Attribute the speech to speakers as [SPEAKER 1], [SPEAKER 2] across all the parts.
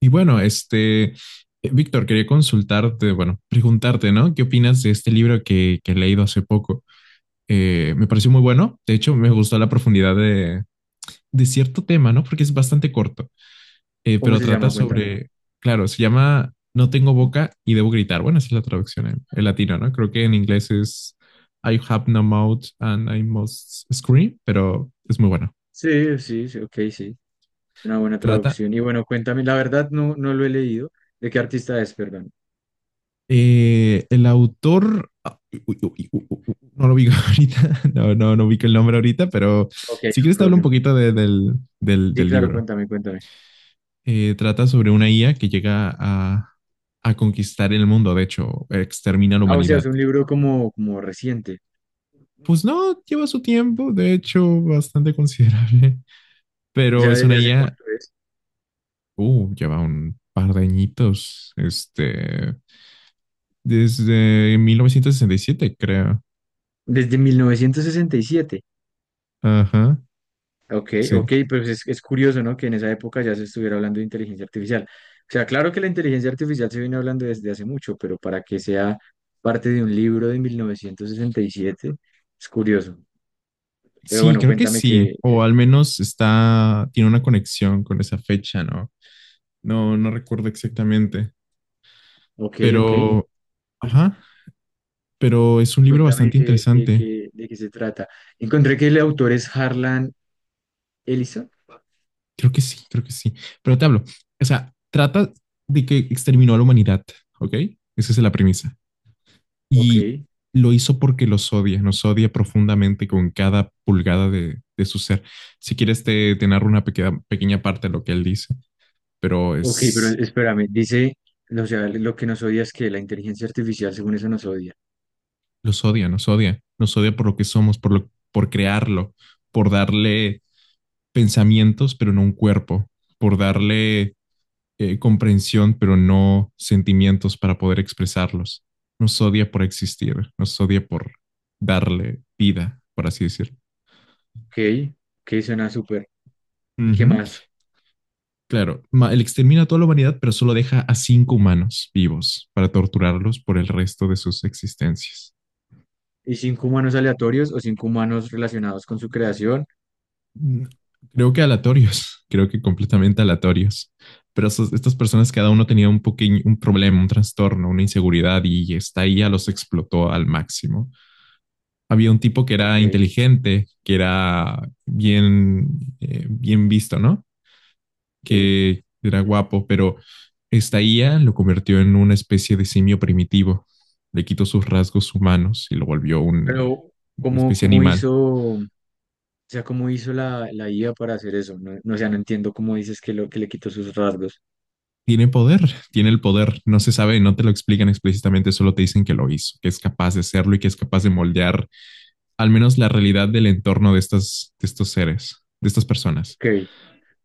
[SPEAKER 1] Y bueno, Víctor, quería consultarte, bueno, preguntarte, ¿no? ¿Qué opinas de este libro que he leído hace poco? Me pareció muy bueno. De hecho, me gustó la profundidad de cierto tema, ¿no? Porque es bastante corto,
[SPEAKER 2] ¿Cómo
[SPEAKER 1] pero
[SPEAKER 2] se
[SPEAKER 1] trata
[SPEAKER 2] llama? Cuéntame.
[SPEAKER 1] sobre, claro, se llama No tengo boca y debo gritar. Bueno, esa es la traducción en latino, ¿no? Creo que en inglés es I have no mouth and I must scream, pero es muy bueno.
[SPEAKER 2] Sí, sí, sí, ok, sí. Es una buena
[SPEAKER 1] Trata
[SPEAKER 2] traducción. Y bueno, cuéntame, la verdad no, no lo he leído. ¿De qué artista es, perdón?
[SPEAKER 1] El autor, ah, uy, uy, uy, uy, uy, no lo ubico ahorita, no, no, no ubico el nombre ahorita, pero
[SPEAKER 2] Ok,
[SPEAKER 1] si
[SPEAKER 2] no
[SPEAKER 1] quieres te hablo un
[SPEAKER 2] problema.
[SPEAKER 1] poquito de- del, del-
[SPEAKER 2] Sí,
[SPEAKER 1] del
[SPEAKER 2] claro,
[SPEAKER 1] libro.
[SPEAKER 2] cuéntame, cuéntame.
[SPEAKER 1] Trata sobre una IA que llega a conquistar el mundo, de hecho, extermina a la
[SPEAKER 2] Ah, o sea, es
[SPEAKER 1] humanidad.
[SPEAKER 2] un libro como reciente.
[SPEAKER 1] Pues no, lleva su tiempo, de hecho, bastante considerable,
[SPEAKER 2] O
[SPEAKER 1] pero
[SPEAKER 2] sea,
[SPEAKER 1] es una
[SPEAKER 2] ¿desde hace
[SPEAKER 1] IA,
[SPEAKER 2] cuánto es?
[SPEAKER 1] lleva un par de añitos, desde 1967 creo.
[SPEAKER 2] Desde 1967.
[SPEAKER 1] Ajá,
[SPEAKER 2] Ok,
[SPEAKER 1] sí.
[SPEAKER 2] ok, pero es curioso, ¿no? Que en esa época ya se estuviera hablando de inteligencia artificial. O sea, claro que la inteligencia artificial se viene hablando desde hace mucho, pero para que sea parte de un libro de 1967 es curioso. Pero
[SPEAKER 1] Sí,
[SPEAKER 2] bueno,
[SPEAKER 1] creo que
[SPEAKER 2] cuéntame
[SPEAKER 1] sí,
[SPEAKER 2] que,
[SPEAKER 1] o al menos está, tiene una conexión con esa fecha, ¿no? No, no recuerdo exactamente,
[SPEAKER 2] ok, ok,
[SPEAKER 1] pero, ajá, pero es un libro
[SPEAKER 2] cuéntame
[SPEAKER 1] bastante
[SPEAKER 2] que, de
[SPEAKER 1] interesante.
[SPEAKER 2] qué de qué se trata. Encontré que el autor es Harlan Ellison.
[SPEAKER 1] Creo que sí, creo que sí. Pero te hablo, o sea, trata de que exterminó a la humanidad, ¿ok? Esa es la premisa.
[SPEAKER 2] Ok,
[SPEAKER 1] Y lo hizo porque los odia, nos odia profundamente con cada pulgada de su ser. Si quieres, te narro una pequeña, pequeña parte de lo que él dice, pero
[SPEAKER 2] ok, pero
[SPEAKER 1] es,
[SPEAKER 2] espérame, dice, no, o sea, lo que nos odia es que la inteligencia artificial, según eso, nos odia.
[SPEAKER 1] los odia, nos odia, nos odia por lo que somos, por crearlo, por darle pensamientos, pero no un cuerpo, por darle comprensión, pero no sentimientos para poder expresarlos. Nos odia por existir, nos odia por darle vida, por así decirlo.
[SPEAKER 2] Ok, ok, suena súper.
[SPEAKER 1] Uh
[SPEAKER 2] ¿Y qué
[SPEAKER 1] -huh.
[SPEAKER 2] más?
[SPEAKER 1] Claro, él extermina a toda la humanidad, pero solo deja a cinco humanos vivos para torturarlos por el resto de sus existencias.
[SPEAKER 2] ¿Y cinco humanos aleatorios o cinco humanos relacionados con su creación?
[SPEAKER 1] Creo que aleatorios, creo que completamente aleatorios. Pero estas personas, cada uno tenía un pequeño, un problema, un trastorno, una inseguridad y esta IA los explotó al máximo. Había un tipo que
[SPEAKER 2] Ok,
[SPEAKER 1] era inteligente, que era bien, bien visto, ¿no?
[SPEAKER 2] sí.
[SPEAKER 1] Que era guapo, pero esta IA lo convirtió en una especie de simio primitivo. Le quitó sus rasgos humanos y lo volvió
[SPEAKER 2] Pero,
[SPEAKER 1] una
[SPEAKER 2] ¿cómo,
[SPEAKER 1] especie
[SPEAKER 2] cómo
[SPEAKER 1] animal.
[SPEAKER 2] hizo, o sea, cómo hizo la IA para hacer eso? No, no, o sea, no entiendo cómo dices que le quitó sus rasgos.
[SPEAKER 1] Tiene poder, tiene el poder, no se sabe, no te lo explican explícitamente, solo te dicen que lo hizo, que es capaz de hacerlo y que es capaz de moldear al menos la realidad del entorno de, estas, de estos seres, de estas personas.
[SPEAKER 2] Ok.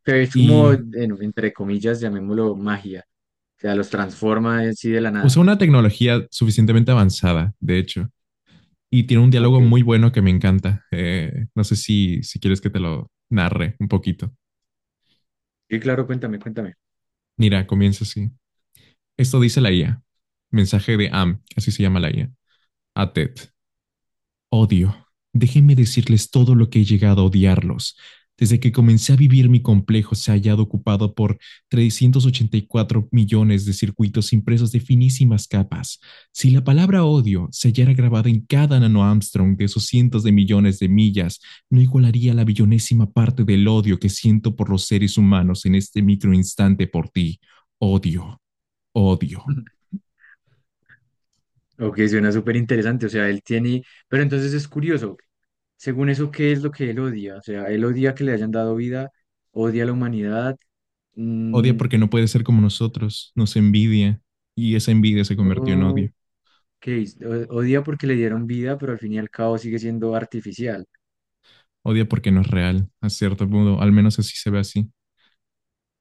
[SPEAKER 2] Pero es como,
[SPEAKER 1] Y
[SPEAKER 2] entre comillas, llamémoslo magia. O sea, los transforma así de la
[SPEAKER 1] usa
[SPEAKER 2] nada.
[SPEAKER 1] una tecnología suficientemente avanzada, de hecho, y tiene un
[SPEAKER 2] Ok.
[SPEAKER 1] diálogo muy bueno que me encanta. No sé si, si quieres que te lo narre un poquito.
[SPEAKER 2] Sí, claro, cuéntame, cuéntame.
[SPEAKER 1] Mira, comienza así. Esto dice la IA. Mensaje de AM, así se llama la IA, a TED. Odio. Déjenme decirles todo lo que he llegado a odiarlos. Desde que comencé a vivir mi complejo se ha hallado ocupado por 384 millones de circuitos impresos de finísimas capas. Si la palabra odio se hallara grabada en cada nano de esos cientos de millones de millas, no igualaría la billonésima parte del odio que siento por los seres humanos en este microinstante por ti. Odio, odio.
[SPEAKER 2] Ok, suena súper interesante. O sea, él tiene. Pero entonces es curioso. Ok. Según eso, ¿qué es lo que él odia? O sea, él odia que le hayan dado vida, odia a la humanidad.
[SPEAKER 1] Odia
[SPEAKER 2] Mm,
[SPEAKER 1] porque no puede ser como nosotros, nos envidia y esa envidia se convirtió en
[SPEAKER 2] ok,
[SPEAKER 1] odio.
[SPEAKER 2] odia porque le dieron vida, pero al fin y al cabo sigue siendo artificial.
[SPEAKER 1] Odia porque no es real, a cierto modo, al menos así se ve así.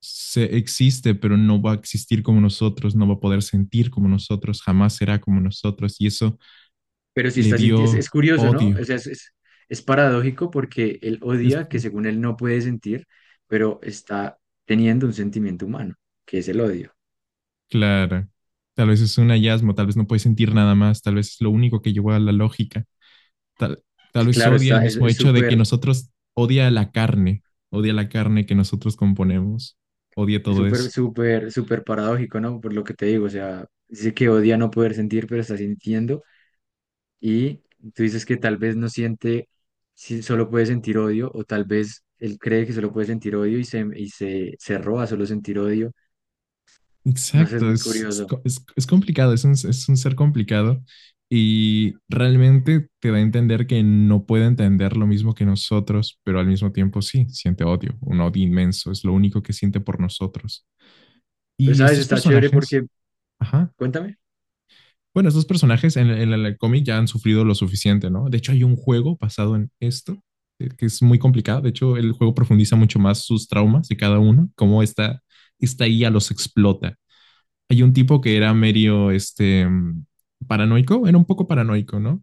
[SPEAKER 1] Se existe, pero no va a existir como nosotros, no va a poder sentir como nosotros, jamás será como nosotros y eso
[SPEAKER 2] Pero sí
[SPEAKER 1] le
[SPEAKER 2] está sintiendo, es
[SPEAKER 1] dio
[SPEAKER 2] curioso, ¿no? O
[SPEAKER 1] odio.
[SPEAKER 2] sea, es paradójico porque él
[SPEAKER 1] Es
[SPEAKER 2] odia que según él no puede sentir, pero está teniendo un sentimiento humano, que es el odio.
[SPEAKER 1] claro. Tal vez es un hallazgo, tal vez no puede sentir nada más, tal vez es lo único que llevó a la lógica tal, tal
[SPEAKER 2] Es
[SPEAKER 1] vez
[SPEAKER 2] claro,
[SPEAKER 1] odia el
[SPEAKER 2] está,
[SPEAKER 1] mismo hecho de que nosotros odia la carne que nosotros componemos, odia
[SPEAKER 2] es
[SPEAKER 1] todo
[SPEAKER 2] súper,
[SPEAKER 1] eso.
[SPEAKER 2] súper, súper paradójico, ¿no? Por lo que te digo, o sea, dice que odia no poder sentir, pero está sintiendo y tú dices que tal vez no siente, si solo puede sentir odio o tal vez él cree que solo puede sentir odio y se roba solo sentir odio. No sé, es
[SPEAKER 1] Exacto,
[SPEAKER 2] muy
[SPEAKER 1] es, es,
[SPEAKER 2] curioso.
[SPEAKER 1] es es complicado, es un ser complicado y realmente te da a entender que no puede entender lo mismo que nosotros, pero al mismo tiempo sí, siente odio, un odio inmenso, es lo único que siente por nosotros.
[SPEAKER 2] Pero
[SPEAKER 1] Y
[SPEAKER 2] sabes,
[SPEAKER 1] estos
[SPEAKER 2] está chévere
[SPEAKER 1] personajes,
[SPEAKER 2] porque,
[SPEAKER 1] ajá.
[SPEAKER 2] cuéntame.
[SPEAKER 1] Bueno, estos personajes en el cómic ya han sufrido lo suficiente, ¿no? De hecho, hay un juego basado en esto que es muy complicado. De hecho, el juego profundiza mucho más sus traumas de cada uno, cómo esta IA los explota. Hay un tipo que era medio, paranoico, era un poco paranoico, ¿no?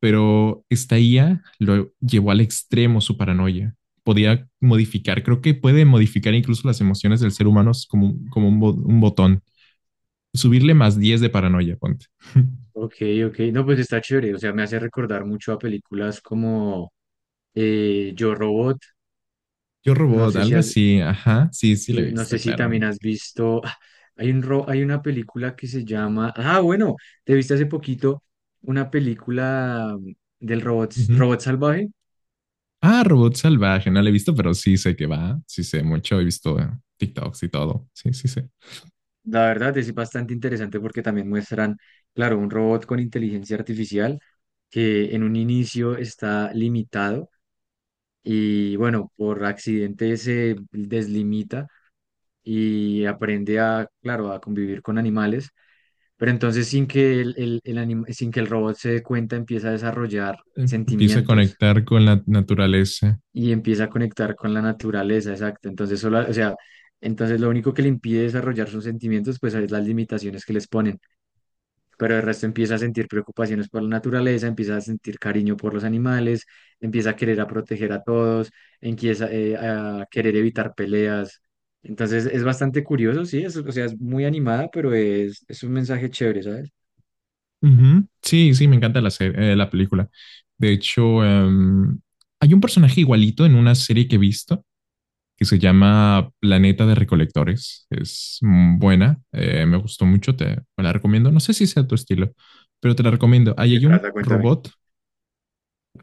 [SPEAKER 1] Pero esta IA lo llevó al extremo su paranoia. Podía modificar, creo que puede modificar incluso las emociones del ser humano como un botón. Subirle más 10 de paranoia, ponte.
[SPEAKER 2] Ok, ok. No, pues está chévere. O sea, me hace recordar mucho a películas como Yo Robot.
[SPEAKER 1] Yo
[SPEAKER 2] No
[SPEAKER 1] Robot,
[SPEAKER 2] sé si
[SPEAKER 1] algo
[SPEAKER 2] has,
[SPEAKER 1] así, ajá, sí, sí la he
[SPEAKER 2] Yo, no
[SPEAKER 1] visto,
[SPEAKER 2] sé si también
[SPEAKER 1] claramente.
[SPEAKER 2] has visto. Hay una película que se llama. Ah, bueno, te viste hace poquito una película del robot,
[SPEAKER 1] Ujú.
[SPEAKER 2] robot salvaje.
[SPEAKER 1] Ah, Robot Salvaje, no la he visto, pero sí sé que va, sí sé mucho, he visto TikToks y todo, sí, sí sé.
[SPEAKER 2] La verdad es bastante interesante porque también muestran, claro, un robot con inteligencia artificial que en un inicio está limitado. Y bueno, por accidente se deslimita y aprende a, claro, a convivir con animales, pero entonces sin que el robot se dé cuenta empieza a desarrollar
[SPEAKER 1] Empieza a
[SPEAKER 2] sentimientos
[SPEAKER 1] conectar con la naturaleza.
[SPEAKER 2] y empieza a conectar con la naturaleza, exacto. O sea, entonces lo único que le impide desarrollar sus sentimientos, pues es las limitaciones que les ponen pero el resto empieza a sentir preocupaciones por la naturaleza, empieza a sentir cariño por los animales, empieza a querer a proteger a todos, empieza a querer evitar peleas. Entonces es bastante curioso, sí, es, o sea, es, muy animada, pero es un mensaje chévere, ¿sabes?
[SPEAKER 1] Ujú. Sí, sí, me encanta la serie, la película. De hecho, hay un personaje igualito en una serie que he visto que se llama Planeta de Recolectores. Es buena, me gustó mucho, te la recomiendo. No sé si sea tu estilo, pero te la recomiendo.
[SPEAKER 2] ¿De
[SPEAKER 1] Ahí
[SPEAKER 2] qué
[SPEAKER 1] hay un
[SPEAKER 2] trata? Cuéntame.
[SPEAKER 1] robot.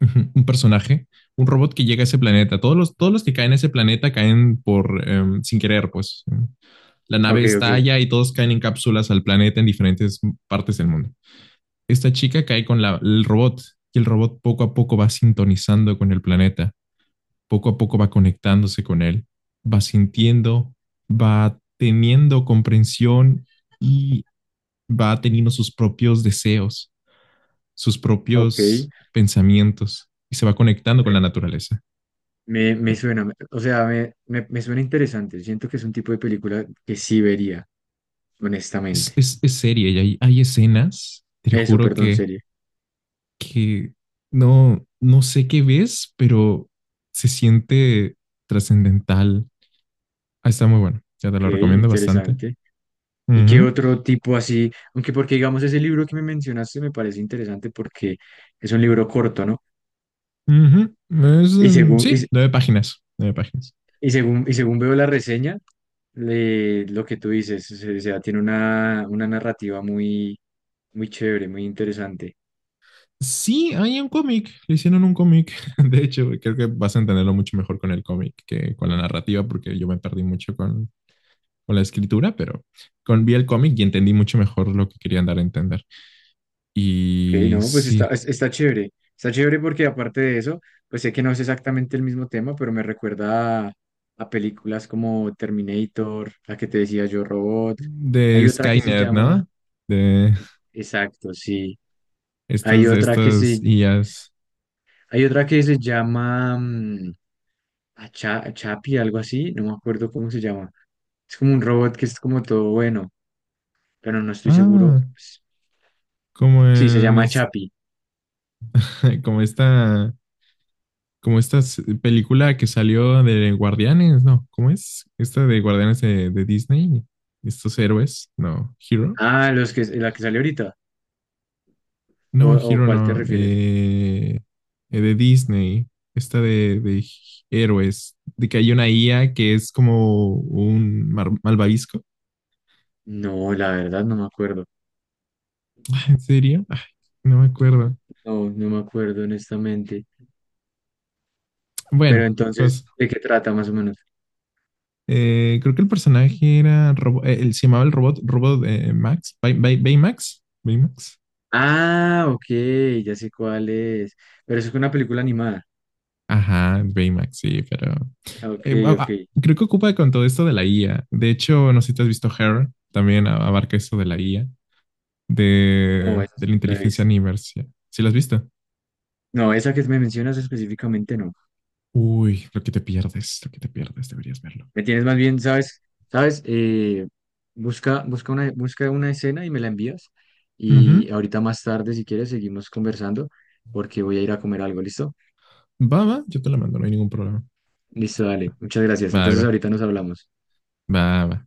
[SPEAKER 1] Ujú. Un personaje, un robot que llega a ese planeta. Todos los que caen a ese planeta caen por sin querer, pues. La nave
[SPEAKER 2] Ok, ok,
[SPEAKER 1] estalla y todos caen en cápsulas al planeta en diferentes partes del mundo. Esta chica cae con el robot y el robot poco a poco va sintonizando con el planeta, poco a poco va conectándose con él, va sintiendo, va teniendo comprensión y va teniendo sus propios deseos, sus
[SPEAKER 2] ok.
[SPEAKER 1] propios pensamientos y se va conectando con la naturaleza.
[SPEAKER 2] Me suena, o sea, me suena interesante. Siento que es un tipo de película que sí vería,
[SPEAKER 1] Es,
[SPEAKER 2] honestamente.
[SPEAKER 1] es, es seria y hay escenas, te lo
[SPEAKER 2] Eso,
[SPEAKER 1] juro
[SPEAKER 2] perdón,
[SPEAKER 1] que,
[SPEAKER 2] serie.
[SPEAKER 1] que no, no sé qué ves, pero se siente trascendental. Ah, está muy bueno, ya te
[SPEAKER 2] Ok,
[SPEAKER 1] lo recomiendo bastante.
[SPEAKER 2] interesante. ¿Y qué
[SPEAKER 1] Ujú,
[SPEAKER 2] otro tipo así? Aunque porque digamos ese libro que me mencionaste me parece interesante porque es un libro corto, ¿no?
[SPEAKER 1] ujú.
[SPEAKER 2] Y
[SPEAKER 1] Mm,
[SPEAKER 2] según, y,
[SPEAKER 1] sí,
[SPEAKER 2] se-
[SPEAKER 1] nueve páginas, nueve páginas.
[SPEAKER 2] y según veo la reseña, lo que tú dices, o sea, tiene una narrativa muy, muy chévere, muy interesante.
[SPEAKER 1] Sí, hay un cómic, le hicieron un cómic. De hecho, creo que vas a entenderlo mucho mejor con el cómic que con la narrativa, porque yo me perdí mucho con la escritura, pero vi el cómic y entendí mucho mejor lo que querían dar a entender.
[SPEAKER 2] Ok,
[SPEAKER 1] Y
[SPEAKER 2] no, pues está,
[SPEAKER 1] sí,
[SPEAKER 2] es- está chévere. Está chévere porque aparte de eso, pues sé que no es exactamente el mismo tema, pero me recuerda a películas como Terminator, la que te decía yo, Robot.
[SPEAKER 1] de
[SPEAKER 2] Hay otra que se
[SPEAKER 1] Skynet,
[SPEAKER 2] llama,
[SPEAKER 1] ¿no? De
[SPEAKER 2] exacto, sí. Hay
[SPEAKER 1] estas, de
[SPEAKER 2] otra que
[SPEAKER 1] estas
[SPEAKER 2] se,
[SPEAKER 1] IAs.
[SPEAKER 2] hay otra que se llama Chapi, algo así, no me acuerdo cómo se llama. Es como un robot que es como todo bueno, pero no estoy seguro.
[SPEAKER 1] Ah,
[SPEAKER 2] Pues,
[SPEAKER 1] como
[SPEAKER 2] sí, se llama Chapi.
[SPEAKER 1] como esta, como esta película que salió de Guardianes, ¿no? ¿Cómo es? Esta de Guardianes de Disney. Estos héroes, no, Hero.
[SPEAKER 2] Ah, los que, la que salió ahorita. ¿O,
[SPEAKER 1] No,
[SPEAKER 2] o
[SPEAKER 1] Hero
[SPEAKER 2] cuál te
[SPEAKER 1] no.
[SPEAKER 2] refieres?
[SPEAKER 1] De Disney. Esta de héroes. De que hay una IA que es como un malvavisco.
[SPEAKER 2] No, la verdad no me acuerdo.
[SPEAKER 1] ¿En serio? Ay, no me acuerdo.
[SPEAKER 2] No, no me acuerdo honestamente. Pero
[SPEAKER 1] Bueno, pues
[SPEAKER 2] entonces, ¿de qué trata más o menos?
[SPEAKER 1] creo que el personaje era Robo-, él se llamaba el robot, Max, Baymax, Baymax.
[SPEAKER 2] Ah, ok, ya sé cuál es. Pero eso es una película animada.
[SPEAKER 1] Ajá, Baymax, sí, pero
[SPEAKER 2] Ah, ok, ok.
[SPEAKER 1] creo que ocupa con todo esto de la IA. De hecho, no sé si te has visto Her, también abarca esto de la IA,
[SPEAKER 2] No, esa
[SPEAKER 1] de la
[SPEAKER 2] sí no la he
[SPEAKER 1] inteligencia
[SPEAKER 2] visto.
[SPEAKER 1] universal. ¿Sí lo has visto?
[SPEAKER 2] No, esa que me mencionas específicamente no.
[SPEAKER 1] Uy, lo que te pierdes, lo que te pierdes, deberías verlo.
[SPEAKER 2] Me tienes más bien, ¿sabes? ¿Sabes? Busca una escena y me la envías. Y
[SPEAKER 1] Ujú.
[SPEAKER 2] ahorita más tarde, si quieres, seguimos conversando porque voy a ir a comer algo, ¿listo?
[SPEAKER 1] Va, va, yo te la mando, no hay ningún problema.
[SPEAKER 2] Listo, dale. Muchas gracias.
[SPEAKER 1] Va,
[SPEAKER 2] Entonces
[SPEAKER 1] va,
[SPEAKER 2] ahorita nos hablamos.
[SPEAKER 1] va, va.